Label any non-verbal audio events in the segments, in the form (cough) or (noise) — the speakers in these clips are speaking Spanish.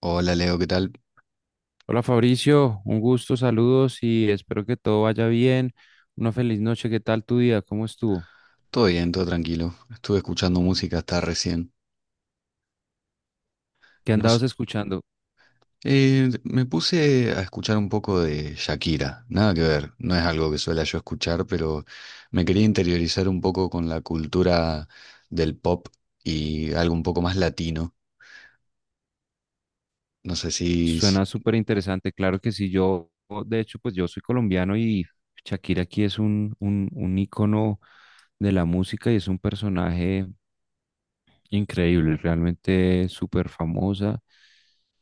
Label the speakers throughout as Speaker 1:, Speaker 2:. Speaker 1: Hola Leo, ¿qué tal?
Speaker 2: Hola Fabricio, un gusto, saludos y espero que todo vaya bien. Una feliz noche, ¿qué tal tu día? ¿Cómo estuvo?
Speaker 1: Todo bien, todo tranquilo. Estuve escuchando música hasta recién.
Speaker 2: ¿Qué
Speaker 1: Nos,
Speaker 2: andabas escuchando?
Speaker 1: Me puse a escuchar un poco de Shakira. Nada que ver, no es algo que suela yo escuchar, pero me quería interiorizar un poco con la cultura del pop y algo un poco más latino. No sé.
Speaker 2: Suena súper interesante, claro que sí, yo, de hecho, pues yo soy colombiano y Shakira aquí es un ícono de la música y es un personaje increíble, realmente súper famosa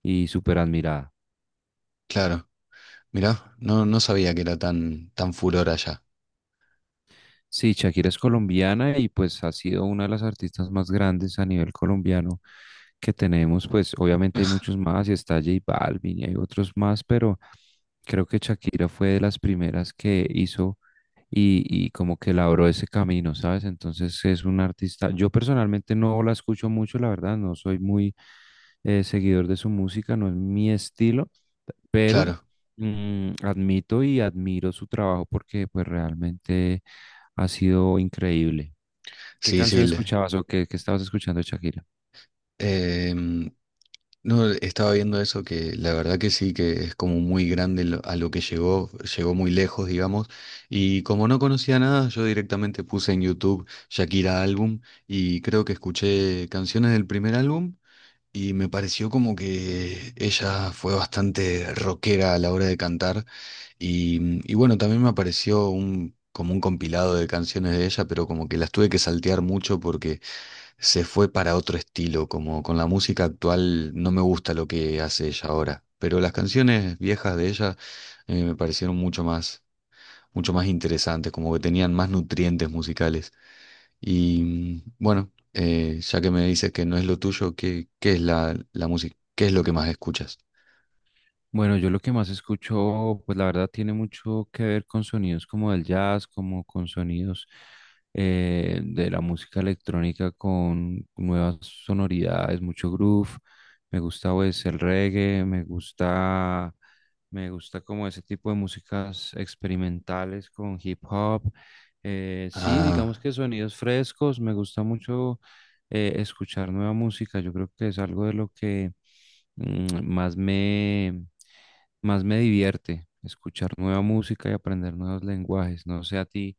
Speaker 2: y súper admirada.
Speaker 1: Claro, mirá, no sabía que era tan furor allá.
Speaker 2: Sí, Shakira es colombiana y pues ha sido una de las artistas más grandes a nivel colombiano que tenemos. Pues obviamente hay muchos más y está J Balvin y hay otros más, pero... Creo que Shakira fue de las primeras que hizo y como que labró ese camino, ¿sabes? Entonces es un artista. Yo personalmente no la escucho mucho, la verdad, no soy muy seguidor de su música, no es mi estilo, pero
Speaker 1: Claro,
Speaker 2: admito y admiro su trabajo porque pues realmente ha sido increíble. ¿Qué
Speaker 1: sí,
Speaker 2: canción
Speaker 1: sí.
Speaker 2: escuchabas o qué estabas escuchando de Shakira?
Speaker 1: Em, No, estaba viendo eso que la verdad que sí, que es como muy grande a lo que llegó, llegó muy lejos, digamos. Y como no conocía nada, yo directamente puse en YouTube Shakira álbum y creo que escuché canciones del primer álbum y me pareció como que ella fue bastante rockera a la hora de cantar. Y bueno, también me apareció como un compilado de canciones de ella, pero como que las tuve que saltear mucho porque se fue para otro estilo, como con la música actual no me gusta lo que hace ella ahora, pero las canciones viejas de ella me parecieron mucho más interesantes, como que tenían más nutrientes musicales. Y bueno, ya que me dices que no es lo tuyo, ¿qué es la música? ¿Qué es lo que más escuchas?
Speaker 2: Bueno, yo lo que más escucho, pues la verdad tiene mucho que ver con sonidos como del jazz, como con sonidos de la música electrónica con nuevas sonoridades, mucho groove. Me gusta pues el reggae, me gusta como ese tipo de músicas experimentales con hip hop. Sí, digamos
Speaker 1: Ah,
Speaker 2: que sonidos frescos, me gusta mucho escuchar nueva música. Yo creo que es algo de lo que mm, más más me divierte escuchar nueva música y aprender nuevos lenguajes. No sé a ti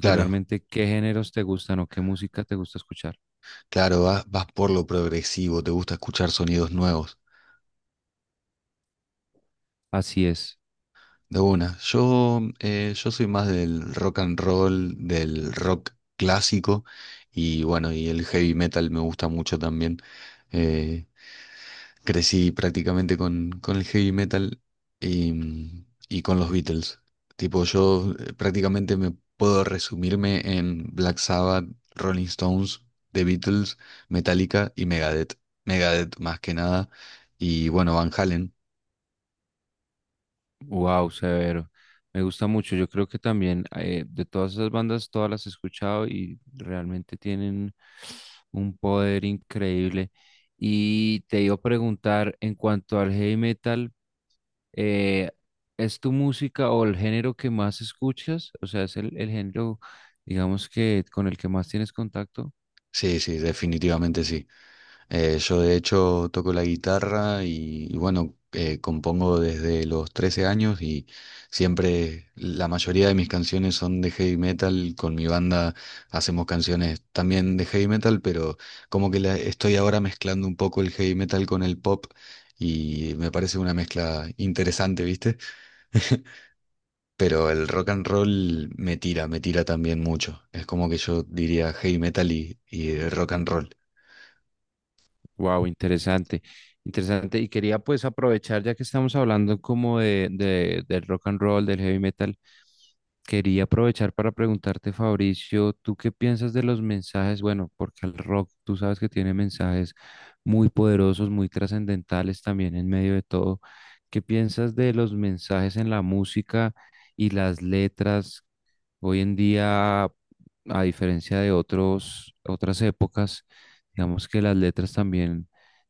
Speaker 1: claro,
Speaker 2: qué géneros te gustan o qué música te gusta escuchar.
Speaker 1: claro, vas por lo progresivo, te gusta escuchar sonidos nuevos.
Speaker 2: Así es.
Speaker 1: De una. Yo soy más del rock and roll, del rock clásico y bueno, y el heavy metal me gusta mucho también. Eh, Crecí prácticamente con el heavy metal y con los Beatles. Tipo, yo prácticamente me puedo resumirme en Black Sabbath, Rolling Stones, The Beatles, Metallica y Megadeth. Megadeth más que nada. Y bueno, Van Halen.
Speaker 2: Wow, severo. Me gusta mucho. Yo creo que también de todas esas bandas, todas las he escuchado y realmente tienen un poder increíble. Y te iba a preguntar en cuanto al heavy metal. Eh, ¿Es tu música o el género que más escuchas? O sea, ¿es el género, digamos que con el que más tienes contacto?
Speaker 1: Sí, sí, definitivamente sí. Yo de hecho toco la guitarra y bueno, compongo desde los 13 años y siempre la mayoría de mis canciones son de heavy metal. Con mi banda hacemos canciones también de heavy metal, pero como que estoy ahora mezclando un poco el heavy metal con el pop y me parece una mezcla interesante, ¿viste? (laughs) Pero el rock and roll me tira también mucho. Es como que yo diría heavy metal y rock and roll.
Speaker 2: Wow, interesante, interesante. Y quería pues aprovechar, ya que estamos hablando como de- del rock and roll, del heavy metal, quería aprovechar para preguntarte, Fabricio, ¿tú qué piensas de los mensajes? Bueno, porque el rock, tú sabes que tiene mensajes muy poderosos, muy trascendentales también en medio de todo. ¿Qué piensas de los mensajes en la música y las letras? Hoy en día, a diferencia de otros, otras épocas, digamos que las letras también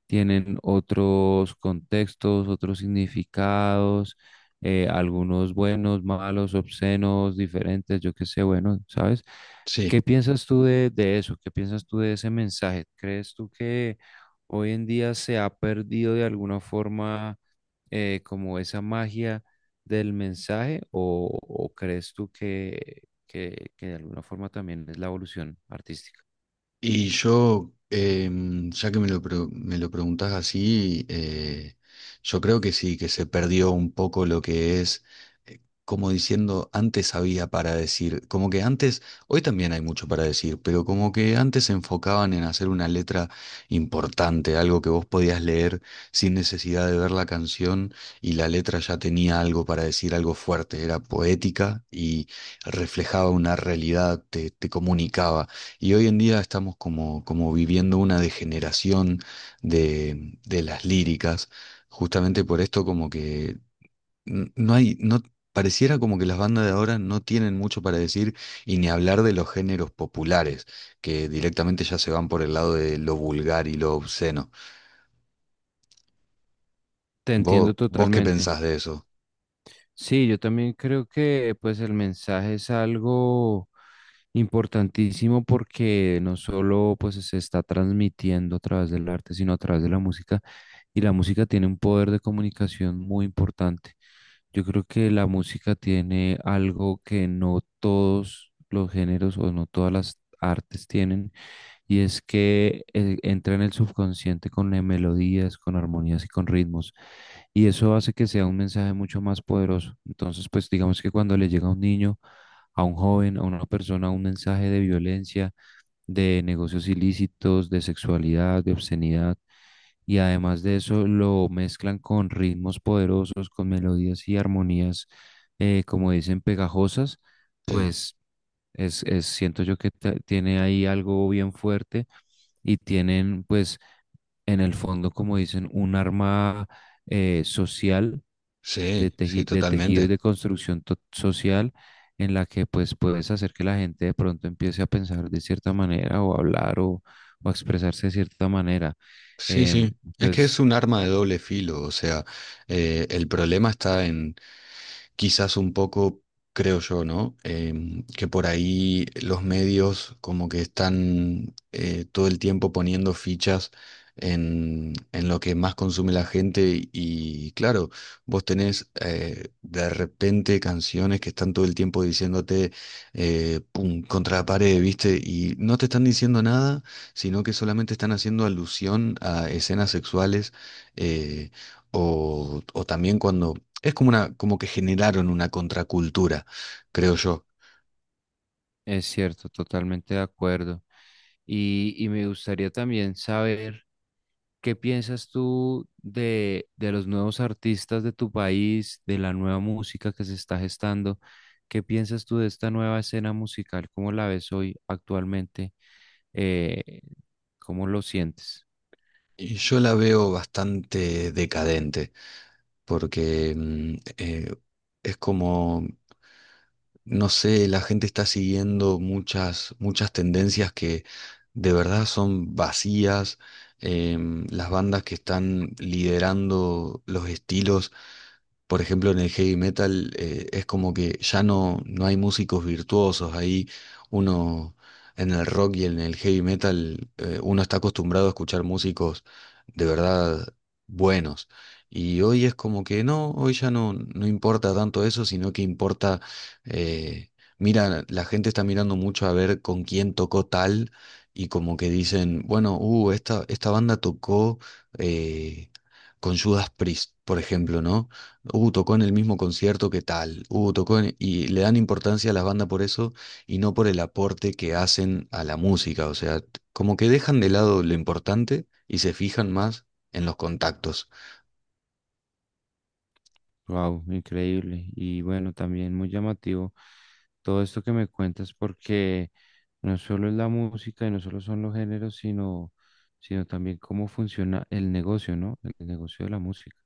Speaker 2: tienen otros contextos, otros significados, algunos buenos, malos, obscenos, diferentes, yo qué sé, bueno, ¿sabes?
Speaker 1: Sí.
Speaker 2: ¿Qué piensas tú de eso? ¿Qué piensas tú de ese mensaje? ¿Crees tú que hoy en día se ha perdido de alguna forma? Como esa magia del mensaje o crees tú que, que de alguna forma también es la evolución artística?
Speaker 1: Y yo, ya que me lo preguntás así, yo creo que sí, que se perdió un poco lo que es, como diciendo, antes había para decir, como que antes, hoy también hay mucho para decir, pero como que antes se enfocaban en hacer una letra importante, algo que vos podías leer sin necesidad de ver la canción, y la letra ya tenía algo para decir, algo fuerte, era poética y reflejaba una realidad, te comunicaba. Y hoy en día estamos como viviendo una degeneración de las líricas, justamente por esto, como que no hay, no, pareciera como que las bandas de ahora no tienen mucho para decir, y ni hablar de los géneros populares, que directamente ya se van por el lado de lo vulgar y lo obsceno.
Speaker 2: Te
Speaker 1: ¿Vos,
Speaker 2: entiendo
Speaker 1: vos qué
Speaker 2: totalmente.
Speaker 1: pensás de eso?
Speaker 2: Sí, yo también creo que pues el mensaje es algo importantísimo porque no solo pues se está transmitiendo a través del arte, sino a través de la música y la música tiene un poder de comunicación muy importante. Yo creo que la música tiene algo que no todos los géneros o no todas las artes tienen y es que entra en el subconsciente con melodías, con armonías y con ritmos. Y eso hace que sea un mensaje mucho más poderoso. Entonces, pues digamos que cuando le llega a un niño, a un joven, a una persona, un mensaje de violencia, de negocios ilícitos, de sexualidad, de obscenidad, y además de eso lo mezclan con ritmos poderosos, con melodías y armonías, como dicen, pegajosas,
Speaker 1: Sí,
Speaker 2: pues es- siento yo que ta- tiene ahí algo bien fuerte y tienen, pues, en el fondo, como dicen, un arma social de,
Speaker 1: sí, sí,
Speaker 2: teji- de tejido y
Speaker 1: totalmente.
Speaker 2: de construcción to- social en la que, pues, puedes hacer que la gente de pronto empiece a pensar de cierta manera o a hablar o a expresarse de cierta manera.
Speaker 1: Sí, sí. Es que es
Speaker 2: Entonces,
Speaker 1: un arma de doble filo, o sea, el problema está en quizás un poco, creo yo, ¿no? Que por ahí los medios como que están todo el tiempo poniendo fichas en lo que más consume la gente, y claro, vos tenés de repente canciones que están todo el tiempo diciéndote pum, contra la pared, ¿viste? Y no te están diciendo nada, sino que solamente están haciendo alusión a escenas sexuales. eh, o, o, también, cuando es como como que generaron una contracultura, creo yo.
Speaker 2: es cierto, totalmente de acuerdo. Y me gustaría también saber. ¿Qué piensas tú de los nuevos artistas de tu país, de la nueva música que se está gestando? ¿Qué piensas tú de esta nueva escena musical? ¿Cómo la ves hoy actualmente? Eh, ¿Cómo lo sientes?
Speaker 1: Y yo la veo bastante decadente, porque es como, no sé, la gente está siguiendo muchas, muchas tendencias que de verdad son vacías. Las bandas que están liderando los estilos, por ejemplo, en el heavy metal, es como que ya no hay músicos virtuosos. Ahí uno, en el rock y en el heavy metal, uno está acostumbrado a escuchar músicos de verdad buenos. Y hoy es como que no, hoy ya no importa tanto eso, sino que importa, eh, mira, la gente está mirando mucho a ver con quién tocó tal, y como que dicen, bueno, esta banda tocó eh, con Judas Priest, por ejemplo, ¿no? Tocó en el mismo concierto que tal. Tocó en... Y le dan importancia a las bandas por eso y no por el aporte que hacen a la música. O sea, como que dejan de lado lo importante y se fijan más en los contactos.
Speaker 2: Wow, increíble. Y bueno, también muy llamativo todo esto que me cuentas, porque no solo es la música y no solo son los géneros, sino, sino también cómo funciona el negocio, ¿no? El negocio de la música.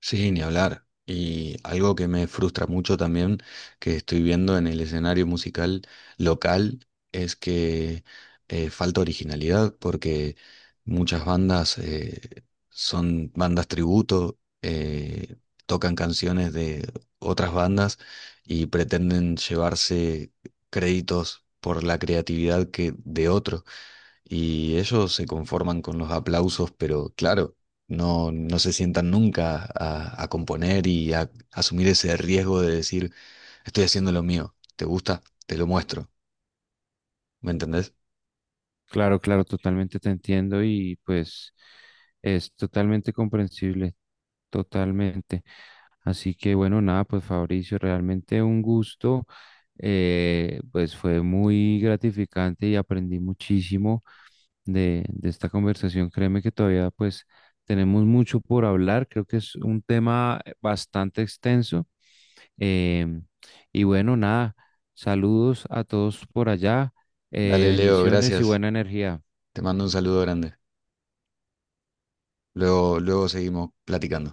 Speaker 1: Sí, ni hablar. Y algo que me frustra mucho también, que estoy viendo en el escenario musical local, es que falta originalidad, porque muchas bandas son bandas tributo, tocan canciones de otras bandas y pretenden llevarse créditos por la creatividad que de otros. Y ellos se conforman con los aplausos, pero claro, no se sientan nunca a componer y a asumir ese riesgo de decir: estoy haciendo lo mío, ¿te gusta? Te lo muestro, ¿me entendés?
Speaker 2: Claro, claro, totalmente te entiendo y pues es totalmente comprensible, totalmente. Así que bueno, nada, pues Fabricio, realmente un gusto, pues fue muy gratificante y aprendí muchísimo de esta conversación. Créeme que todavía pues tenemos mucho por hablar, creo que es un tema bastante extenso. em, y bueno, nada, saludos a todos por allá,
Speaker 1: Dale, Leo,
Speaker 2: bendiciones y
Speaker 1: gracias.
Speaker 2: buena energía.
Speaker 1: Te mando un saludo grande. Luego, luego seguimos platicando.